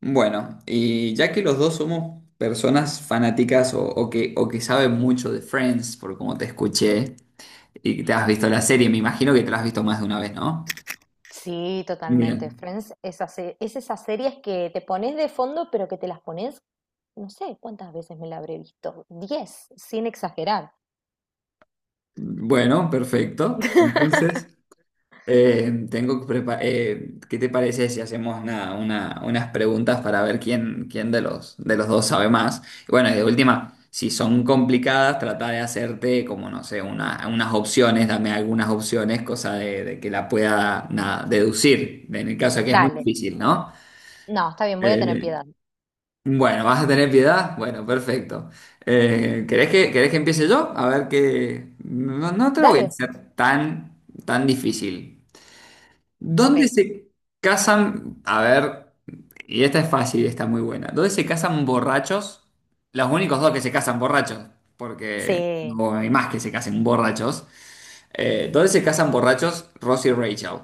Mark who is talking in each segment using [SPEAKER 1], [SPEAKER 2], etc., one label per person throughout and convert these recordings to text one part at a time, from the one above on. [SPEAKER 1] Bueno, y ya que los dos somos personas fanáticas o que saben mucho de Friends, por como te escuché, y que te has visto la serie, me imagino que te la has visto más de una vez, ¿no?
[SPEAKER 2] Sí, totalmente.
[SPEAKER 1] Bien.
[SPEAKER 2] Friends es esas series que te pones de fondo, pero que te las pones, no sé cuántas veces me la habré visto. 10, sin exagerar.
[SPEAKER 1] Bueno, perfecto. Entonces, ¿Qué te parece si hacemos nada, unas preguntas para ver quién de los dos sabe más? Y bueno, y de última, si son complicadas, trata de hacerte como, no sé, unas opciones, dame algunas opciones, cosa de que la pueda nada deducir, en el caso de que es muy
[SPEAKER 2] Dale.
[SPEAKER 1] difícil, ¿no?
[SPEAKER 2] No, está bien, voy a tener
[SPEAKER 1] Eh,
[SPEAKER 2] piedad.
[SPEAKER 1] bueno, ¿vas a tener piedad? Bueno, perfecto. Querés que empiece yo? A ver que... No, no te lo voy a
[SPEAKER 2] Dale.
[SPEAKER 1] hacer tan, tan difícil.
[SPEAKER 2] Ok.
[SPEAKER 1] ¿Dónde se casan? A ver, y esta es fácil, y está muy buena. ¿Dónde se casan borrachos? Los únicos dos que se casan borrachos, porque
[SPEAKER 2] Sí,
[SPEAKER 1] no hay más que se casen borrachos. ¿Dónde se casan borrachos Ross y Rachel?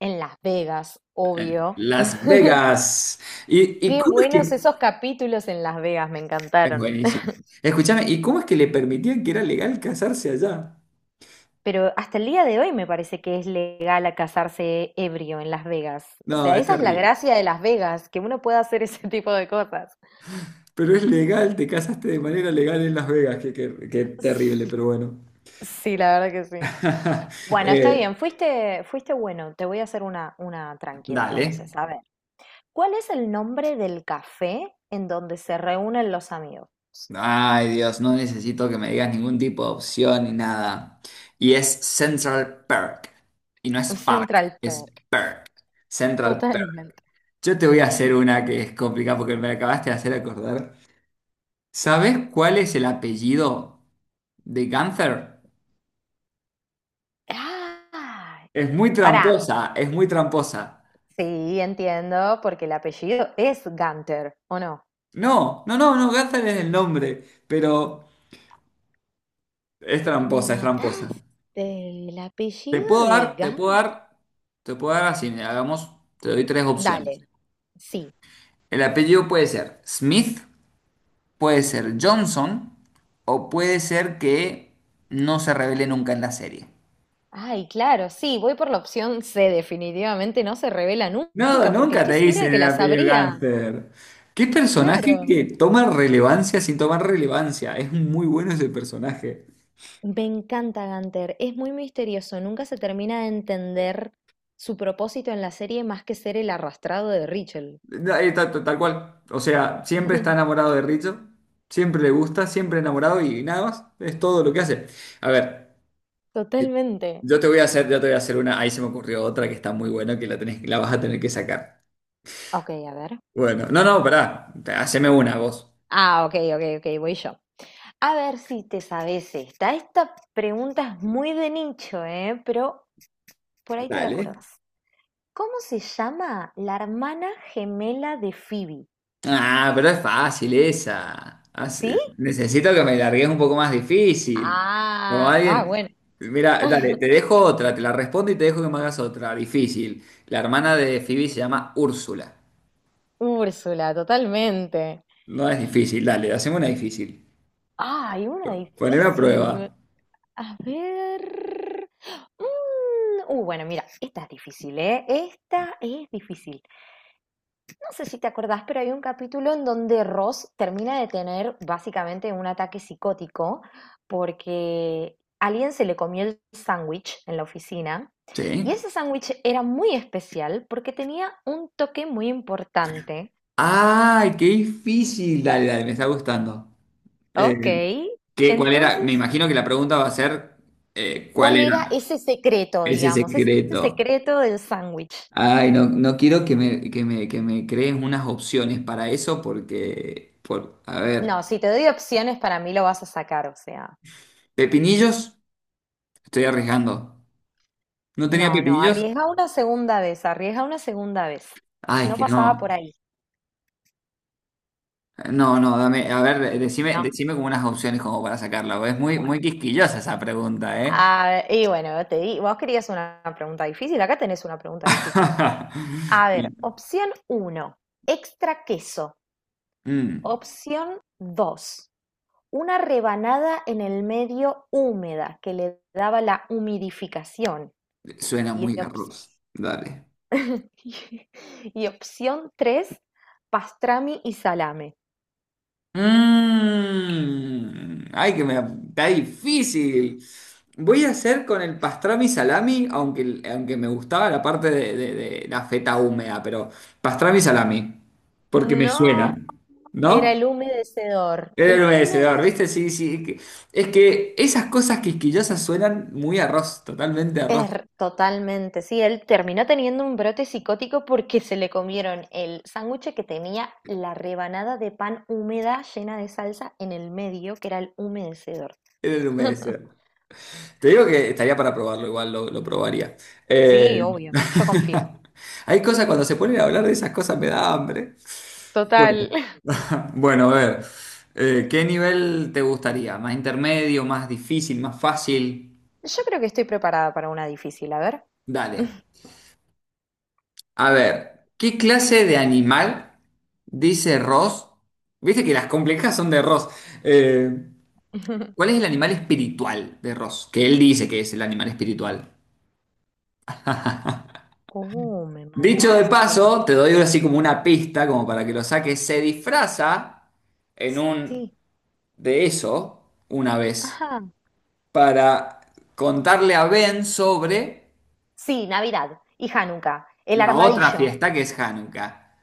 [SPEAKER 2] en Las Vegas, obvio.
[SPEAKER 1] Las Vegas. Y
[SPEAKER 2] Qué
[SPEAKER 1] cómo es
[SPEAKER 2] buenos
[SPEAKER 1] que...
[SPEAKER 2] esos capítulos en Las Vegas, me
[SPEAKER 1] Es
[SPEAKER 2] encantaron.
[SPEAKER 1] buenísimo. Escúchame, ¿y cómo es que le permitían que era legal casarse allá?
[SPEAKER 2] Pero hasta el día de hoy me parece que es legal a casarse ebrio en Las Vegas. O
[SPEAKER 1] No,
[SPEAKER 2] sea,
[SPEAKER 1] es
[SPEAKER 2] esa es la
[SPEAKER 1] terrible.
[SPEAKER 2] gracia de Las Vegas, que uno pueda hacer ese tipo de cosas.
[SPEAKER 1] Pero es legal, te casaste de manera legal en Las Vegas, que, que terrible,
[SPEAKER 2] Sí,
[SPEAKER 1] pero bueno.
[SPEAKER 2] sí, la verdad que sí. Bueno, está
[SPEAKER 1] Eh,
[SPEAKER 2] bien, fuiste bueno, te voy a hacer una tranqui
[SPEAKER 1] Dale.
[SPEAKER 2] entonces. A ver, ¿cuál es el nombre del café en donde se reúnen los amigos?
[SPEAKER 1] Ay, Dios, no necesito que me digas ningún tipo de opción ni nada. Y es Central Perk. Y no es Park,
[SPEAKER 2] Central
[SPEAKER 1] es
[SPEAKER 2] Perk,
[SPEAKER 1] Perk. Central Perk.
[SPEAKER 2] totalmente.
[SPEAKER 1] Yo te voy a hacer una que es complicada porque me la acabaste de hacer acordar. ¿Sabes cuál es el apellido de Gunther?
[SPEAKER 2] Ah,
[SPEAKER 1] Es muy
[SPEAKER 2] pará.
[SPEAKER 1] tramposa, es muy tramposa.
[SPEAKER 2] Sí, entiendo, porque el apellido es Gunter, ¿o no?
[SPEAKER 1] No, Gunther es el nombre, pero es
[SPEAKER 2] ¿Me
[SPEAKER 1] tramposa, es tramposa.
[SPEAKER 2] mataste el
[SPEAKER 1] Te
[SPEAKER 2] apellido
[SPEAKER 1] puedo
[SPEAKER 2] de
[SPEAKER 1] dar, te puedo
[SPEAKER 2] Gan?
[SPEAKER 1] dar, te puedo dar así, mira, hagamos, te doy tres opciones.
[SPEAKER 2] Dale, sí.
[SPEAKER 1] El apellido puede ser Smith, puede ser Johnson o puede ser que no se revele nunca en la serie.
[SPEAKER 2] Ay, claro, sí, voy por la opción C, definitivamente no se revela
[SPEAKER 1] No,
[SPEAKER 2] nunca, porque
[SPEAKER 1] nunca te
[SPEAKER 2] estoy segura de
[SPEAKER 1] dicen
[SPEAKER 2] que
[SPEAKER 1] el
[SPEAKER 2] la
[SPEAKER 1] apellido
[SPEAKER 2] sabría.
[SPEAKER 1] Gangster. Qué personaje
[SPEAKER 2] Claro,
[SPEAKER 1] que toma relevancia sin tomar relevancia. Es muy bueno ese personaje.
[SPEAKER 2] me encanta Gunther, es muy misterioso, nunca se termina de entender su propósito en la serie más que ser el arrastrado de Rachel.
[SPEAKER 1] No, Tal cual. O sea, siempre está enamorado de Richo. Siempre le gusta, siempre enamorado y nada más. Es todo lo que hace. A ver,
[SPEAKER 2] Totalmente.
[SPEAKER 1] yo te voy a hacer una. Ahí se me ocurrió otra que está muy buena que la tenés, la vas a tener que sacar.
[SPEAKER 2] Ok, a ver.
[SPEAKER 1] Bueno, no, no, pará. Haceme una vos.
[SPEAKER 2] Ah, ok, ok, ok, voy yo. A ver si te sabes esta. Esta pregunta es muy de nicho, ¿eh? Pero por ahí te la
[SPEAKER 1] Dale.
[SPEAKER 2] acordás. ¿Cómo se llama la hermana gemela de Phoebe?
[SPEAKER 1] Ah, pero es fácil esa.
[SPEAKER 2] ¿Sí?
[SPEAKER 1] Necesito que me largues un poco más difícil. Como
[SPEAKER 2] Ah, ah,
[SPEAKER 1] alguien.
[SPEAKER 2] bueno.
[SPEAKER 1] Mira, dale, te dejo otra, te la respondo y te dejo que me hagas otra. Difícil. La hermana de Phoebe se llama Úrsula.
[SPEAKER 2] Úrsula, totalmente.
[SPEAKER 1] No es difícil, dale, haceme una difícil.
[SPEAKER 2] Ah, hay una
[SPEAKER 1] Poneme a
[SPEAKER 2] difícil.
[SPEAKER 1] prueba.
[SPEAKER 2] A ver. mm, bueno, mira, esta es difícil, ¿eh? Esta es difícil. No sé si te acordás, pero hay un capítulo en donde Ross termina de tener básicamente un ataque psicótico porque alguien se le comió el sándwich en la oficina. Y
[SPEAKER 1] ¿Sí?
[SPEAKER 2] ese sándwich era muy especial porque tenía un toque muy importante.
[SPEAKER 1] ¡Ay, qué difícil! Dale, dale, me está gustando. Eh,
[SPEAKER 2] Ok,
[SPEAKER 1] cuál era? Me
[SPEAKER 2] entonces,
[SPEAKER 1] imagino que la pregunta va a ser ¿cuál
[SPEAKER 2] ¿cuál
[SPEAKER 1] era?
[SPEAKER 2] era ese secreto,
[SPEAKER 1] Ese
[SPEAKER 2] digamos? Ese
[SPEAKER 1] secreto.
[SPEAKER 2] secreto del sándwich.
[SPEAKER 1] Ay, no, no quiero que me crees unas opciones para eso porque, por, a ver,
[SPEAKER 2] No, si te doy opciones, para mí lo vas a sacar, o sea,
[SPEAKER 1] pepinillos, estoy arriesgando. ¿No tenía
[SPEAKER 2] no, no,
[SPEAKER 1] pepinillos?
[SPEAKER 2] arriesga una segunda vez, arriesga una segunda vez.
[SPEAKER 1] Ay, es
[SPEAKER 2] No
[SPEAKER 1] que no.
[SPEAKER 2] pasaba por ahí,
[SPEAKER 1] No, no, dame, a ver,
[SPEAKER 2] no,
[SPEAKER 1] decime como unas opciones como para sacarlo. Es muy,
[SPEAKER 2] bueno.
[SPEAKER 1] muy quisquillosa esa pregunta, ¿eh?
[SPEAKER 2] Ah, y bueno, te di, vos querías una pregunta difícil, acá tenés una pregunta difícil. A ver, opción uno, extra queso.
[SPEAKER 1] Mm,
[SPEAKER 2] Opción dos, una rebanada en el medio húmeda que le daba la humidificación.
[SPEAKER 1] suena
[SPEAKER 2] Y,
[SPEAKER 1] muy arroz.
[SPEAKER 2] ops-
[SPEAKER 1] Dale.
[SPEAKER 2] y opción tres, pastrami y salame.
[SPEAKER 1] Mm, ay, que me está difícil. Voy a hacer con el pastrami salami, aunque, aunque me gustaba la parte de, de la feta húmeda, pero pastrami salami, porque me
[SPEAKER 2] No,
[SPEAKER 1] suena,
[SPEAKER 2] era
[SPEAKER 1] ¿no?
[SPEAKER 2] el humedecedor.
[SPEAKER 1] Era el
[SPEAKER 2] El
[SPEAKER 1] humedecedor,
[SPEAKER 2] humedecedor.
[SPEAKER 1] ¿viste? Sí, sí. Es que esas cosas quisquillosas suenan muy a arroz, totalmente a arroz.
[SPEAKER 2] Er, totalmente, sí, él terminó teniendo un brote psicótico porque se le comieron el sándwich que tenía la rebanada de pan húmeda llena de salsa en el medio, que era el humedecedor.
[SPEAKER 1] Era el humedecedor. Te digo que estaría para probarlo, igual lo probaría. Eh,
[SPEAKER 2] Sí, obvio, yo confío.
[SPEAKER 1] Hay cosas, cuando se ponen a hablar de esas cosas me da hambre. Bueno,
[SPEAKER 2] Total.
[SPEAKER 1] bueno, a ver, ¿qué nivel te gustaría? ¿Más intermedio, más difícil, más fácil?
[SPEAKER 2] Yo creo que estoy preparada para una difícil, a ver.
[SPEAKER 1] Dale. A ver, ¿qué clase de animal dice Ross? Viste que las complejas son de Ross. Eh, ¿Cuál es el animal espiritual de Ross? Que él dice que es el animal espiritual.
[SPEAKER 2] Oh, me
[SPEAKER 1] Dicho de
[SPEAKER 2] mataste.
[SPEAKER 1] paso, te doy así como una pista, como para que lo saques. Se disfraza en un
[SPEAKER 2] Sí.
[SPEAKER 1] de eso una vez
[SPEAKER 2] Ajá.
[SPEAKER 1] para contarle a Ben sobre
[SPEAKER 2] Sí, Navidad y Hanukkah. El
[SPEAKER 1] la otra
[SPEAKER 2] armadillo.
[SPEAKER 1] fiesta que es Hanukkah.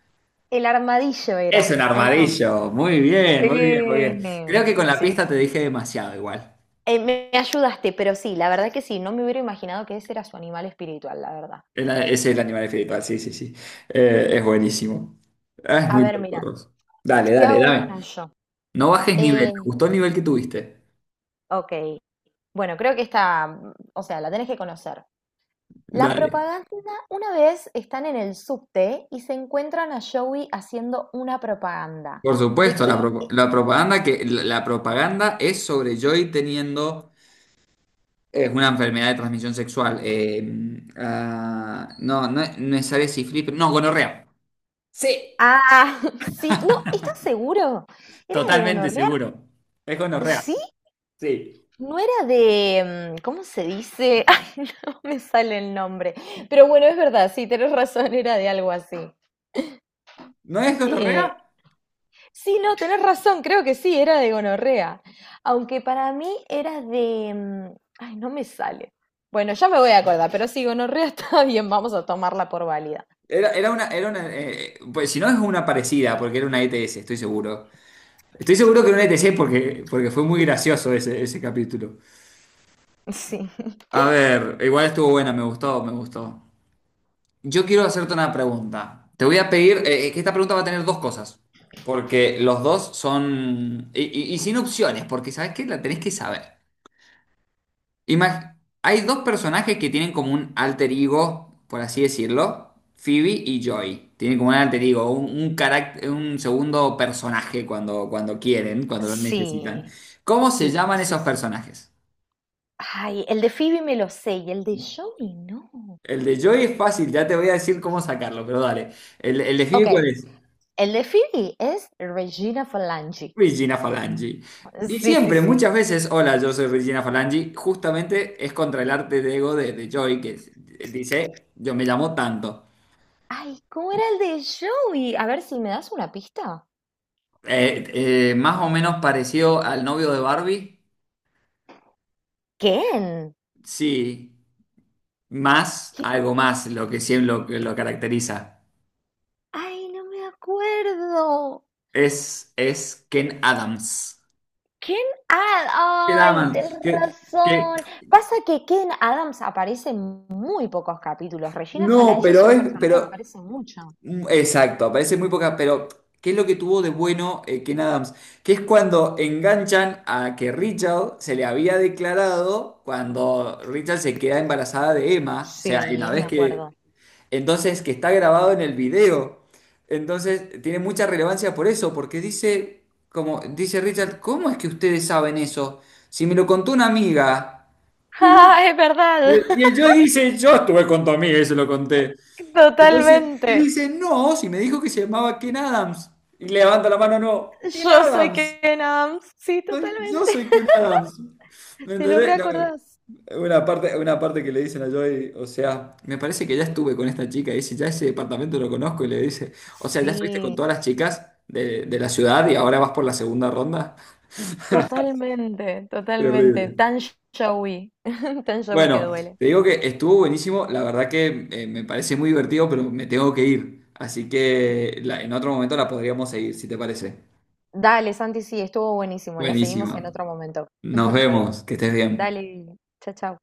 [SPEAKER 2] El armadillo
[SPEAKER 1] Es
[SPEAKER 2] era,
[SPEAKER 1] un
[SPEAKER 2] ¿o no?
[SPEAKER 1] armadillo. Muy bien,
[SPEAKER 2] Sí,
[SPEAKER 1] muy bien, muy bien. Creo que con la
[SPEAKER 2] sí,
[SPEAKER 1] pista te
[SPEAKER 2] sí.
[SPEAKER 1] dije demasiado igual.
[SPEAKER 2] Me ayudaste, pero sí, la verdad que sí, no me hubiera imaginado que ese era su animal espiritual, la verdad.
[SPEAKER 1] Es el animal espiritual, sí, sí, sí. Es buenísimo. Ah, es
[SPEAKER 2] A
[SPEAKER 1] muy
[SPEAKER 2] ver,
[SPEAKER 1] loco,
[SPEAKER 2] mira,
[SPEAKER 1] Ross. Dale,
[SPEAKER 2] te
[SPEAKER 1] dale,
[SPEAKER 2] hago
[SPEAKER 1] dame.
[SPEAKER 2] una yo.
[SPEAKER 1] No bajes nivel.
[SPEAKER 2] Eh,
[SPEAKER 1] Me gustó el nivel que tuviste.
[SPEAKER 2] ok, bueno, creo que esta, o sea, la tenés que conocer. La
[SPEAKER 1] Dale.
[SPEAKER 2] propaganda, una vez están en el subte y se encuentran a Joey haciendo una propaganda.
[SPEAKER 1] Por
[SPEAKER 2] ¿De
[SPEAKER 1] supuesto,
[SPEAKER 2] qué?
[SPEAKER 1] la, la propaganda que la propaganda es sobre Joy teniendo una enfermedad de transmisión sexual. No, no es Ares y Flip, no, gonorrea. Sí.
[SPEAKER 2] Ah, sí, no, ¿estás seguro? ¿Era de
[SPEAKER 1] Totalmente
[SPEAKER 2] gonorrea?
[SPEAKER 1] seguro. Es gonorrea.
[SPEAKER 2] Sí,
[SPEAKER 1] Sí.
[SPEAKER 2] no era de, ¿cómo se dice? Ay, no me sale el nombre. Pero bueno, es verdad, sí, tenés razón, era de algo así.
[SPEAKER 1] ¿No es gonorrea?
[SPEAKER 2] Sí, no, tenés razón, creo que sí, era de gonorrea. Aunque para mí era de ay, no me sale. Bueno, ya me voy a acordar, pero sí, gonorrea está bien, vamos a tomarla por válida.
[SPEAKER 1] Era una, pues si no es una parecida, porque era una ETS, estoy seguro. Estoy seguro que era una ETS porque, porque fue muy gracioso ese, ese capítulo.
[SPEAKER 2] Sí.
[SPEAKER 1] A ver, igual estuvo buena, me gustó, me gustó. Yo quiero hacerte una pregunta. Te voy a pedir, que esta pregunta va a tener dos cosas. Porque los dos son... y sin opciones, porque sabes que la tenés que saber. Imag- Hay dos personajes que tienen como un alter ego, por así decirlo, Phoebe y Joy. Tienen como un alter ego, un un segundo personaje cuando, cuando quieren, cuando lo necesitan.
[SPEAKER 2] Sí,
[SPEAKER 1] ¿Cómo se
[SPEAKER 2] sí,
[SPEAKER 1] llaman
[SPEAKER 2] sí,
[SPEAKER 1] esos
[SPEAKER 2] sí.
[SPEAKER 1] personajes?
[SPEAKER 2] Ay, el de Phoebe me lo sé y el de Joey no.
[SPEAKER 1] El de Joy es fácil, ya te voy a decir cómo sacarlo, pero dale. El de
[SPEAKER 2] Ok,
[SPEAKER 1] Phoebe cuál es?
[SPEAKER 2] el de Phoebe es Regina Falangi.
[SPEAKER 1] Regina Falangi. Y
[SPEAKER 2] Sí, sí,
[SPEAKER 1] siempre,
[SPEAKER 2] sí.
[SPEAKER 1] muchas veces, hola, yo soy Regina Falangi, justamente es contra el arte de ego de Joy, dice, yo me llamo tanto.
[SPEAKER 2] Ay, ¿cómo era el de Joey? A ver si me das una pista.
[SPEAKER 1] Más o menos parecido al novio de Barbie.
[SPEAKER 2] ¿Quién?
[SPEAKER 1] Sí, más, algo más, lo que siempre lo, que lo caracteriza.
[SPEAKER 2] Ay, no me acuerdo.
[SPEAKER 1] Es Ken Adams.
[SPEAKER 2] Ken,
[SPEAKER 1] Ken
[SPEAKER 2] ay, tenés
[SPEAKER 1] Adams, que-
[SPEAKER 2] razón. Pasa que Ken Adams aparece en muy pocos capítulos. Regina
[SPEAKER 1] no,
[SPEAKER 2] Falange es
[SPEAKER 1] pero
[SPEAKER 2] un
[SPEAKER 1] es,
[SPEAKER 2] personaje que
[SPEAKER 1] pero,
[SPEAKER 2] aparece mucho.
[SPEAKER 1] mm, exacto, aparece muy poca, pero ¿qué es lo que tuvo de bueno Ken Adams? Que es cuando enganchan a que Richard se le había declarado cuando Richard se queda embarazada de Emma, o sea, en la
[SPEAKER 2] Sí, me
[SPEAKER 1] vez
[SPEAKER 2] acuerdo.
[SPEAKER 1] que... Entonces, que está grabado en el video. Entonces, tiene mucha relevancia por eso, porque dice, como dice Richard, ¿cómo es que ustedes saben eso? Si me lo contó una amiga. Y,
[SPEAKER 2] Ah, es verdad,
[SPEAKER 1] y yo dice, yo estuve con tu amiga y se lo conté. Entonces, y
[SPEAKER 2] totalmente.
[SPEAKER 1] dice, no, si me dijo que se llamaba Ken Adams. Y levanta la mano, no, Ken
[SPEAKER 2] Yo soy
[SPEAKER 1] Adams.
[SPEAKER 2] Ken Adams. Sí,
[SPEAKER 1] Yo
[SPEAKER 2] totalmente.
[SPEAKER 1] soy Ken Adams. ¿Me
[SPEAKER 2] ¿Te lo
[SPEAKER 1] entendés? No.
[SPEAKER 2] reacordás?
[SPEAKER 1] Una parte que le dicen a Joey, o sea, me parece que ya estuve con esta chica, y dice, ya ese departamento lo conozco, y le dice, o sea, ya estuviste con
[SPEAKER 2] Sí.
[SPEAKER 1] todas las chicas de la ciudad y ahora vas por la segunda ronda.
[SPEAKER 2] Totalmente, totalmente.
[SPEAKER 1] Terrible.
[SPEAKER 2] Tan showy, tan showy que
[SPEAKER 1] Bueno,
[SPEAKER 2] duele.
[SPEAKER 1] te digo que estuvo buenísimo, la verdad que me parece muy divertido, pero me tengo que ir, así que en otro momento la podríamos seguir, si te parece.
[SPEAKER 2] Dale, Santi, sí, estuvo buenísimo. La seguimos
[SPEAKER 1] Buenísima.
[SPEAKER 2] en otro momento.
[SPEAKER 1] Nos vemos, que estés bien.
[SPEAKER 2] Dale, chao, chao.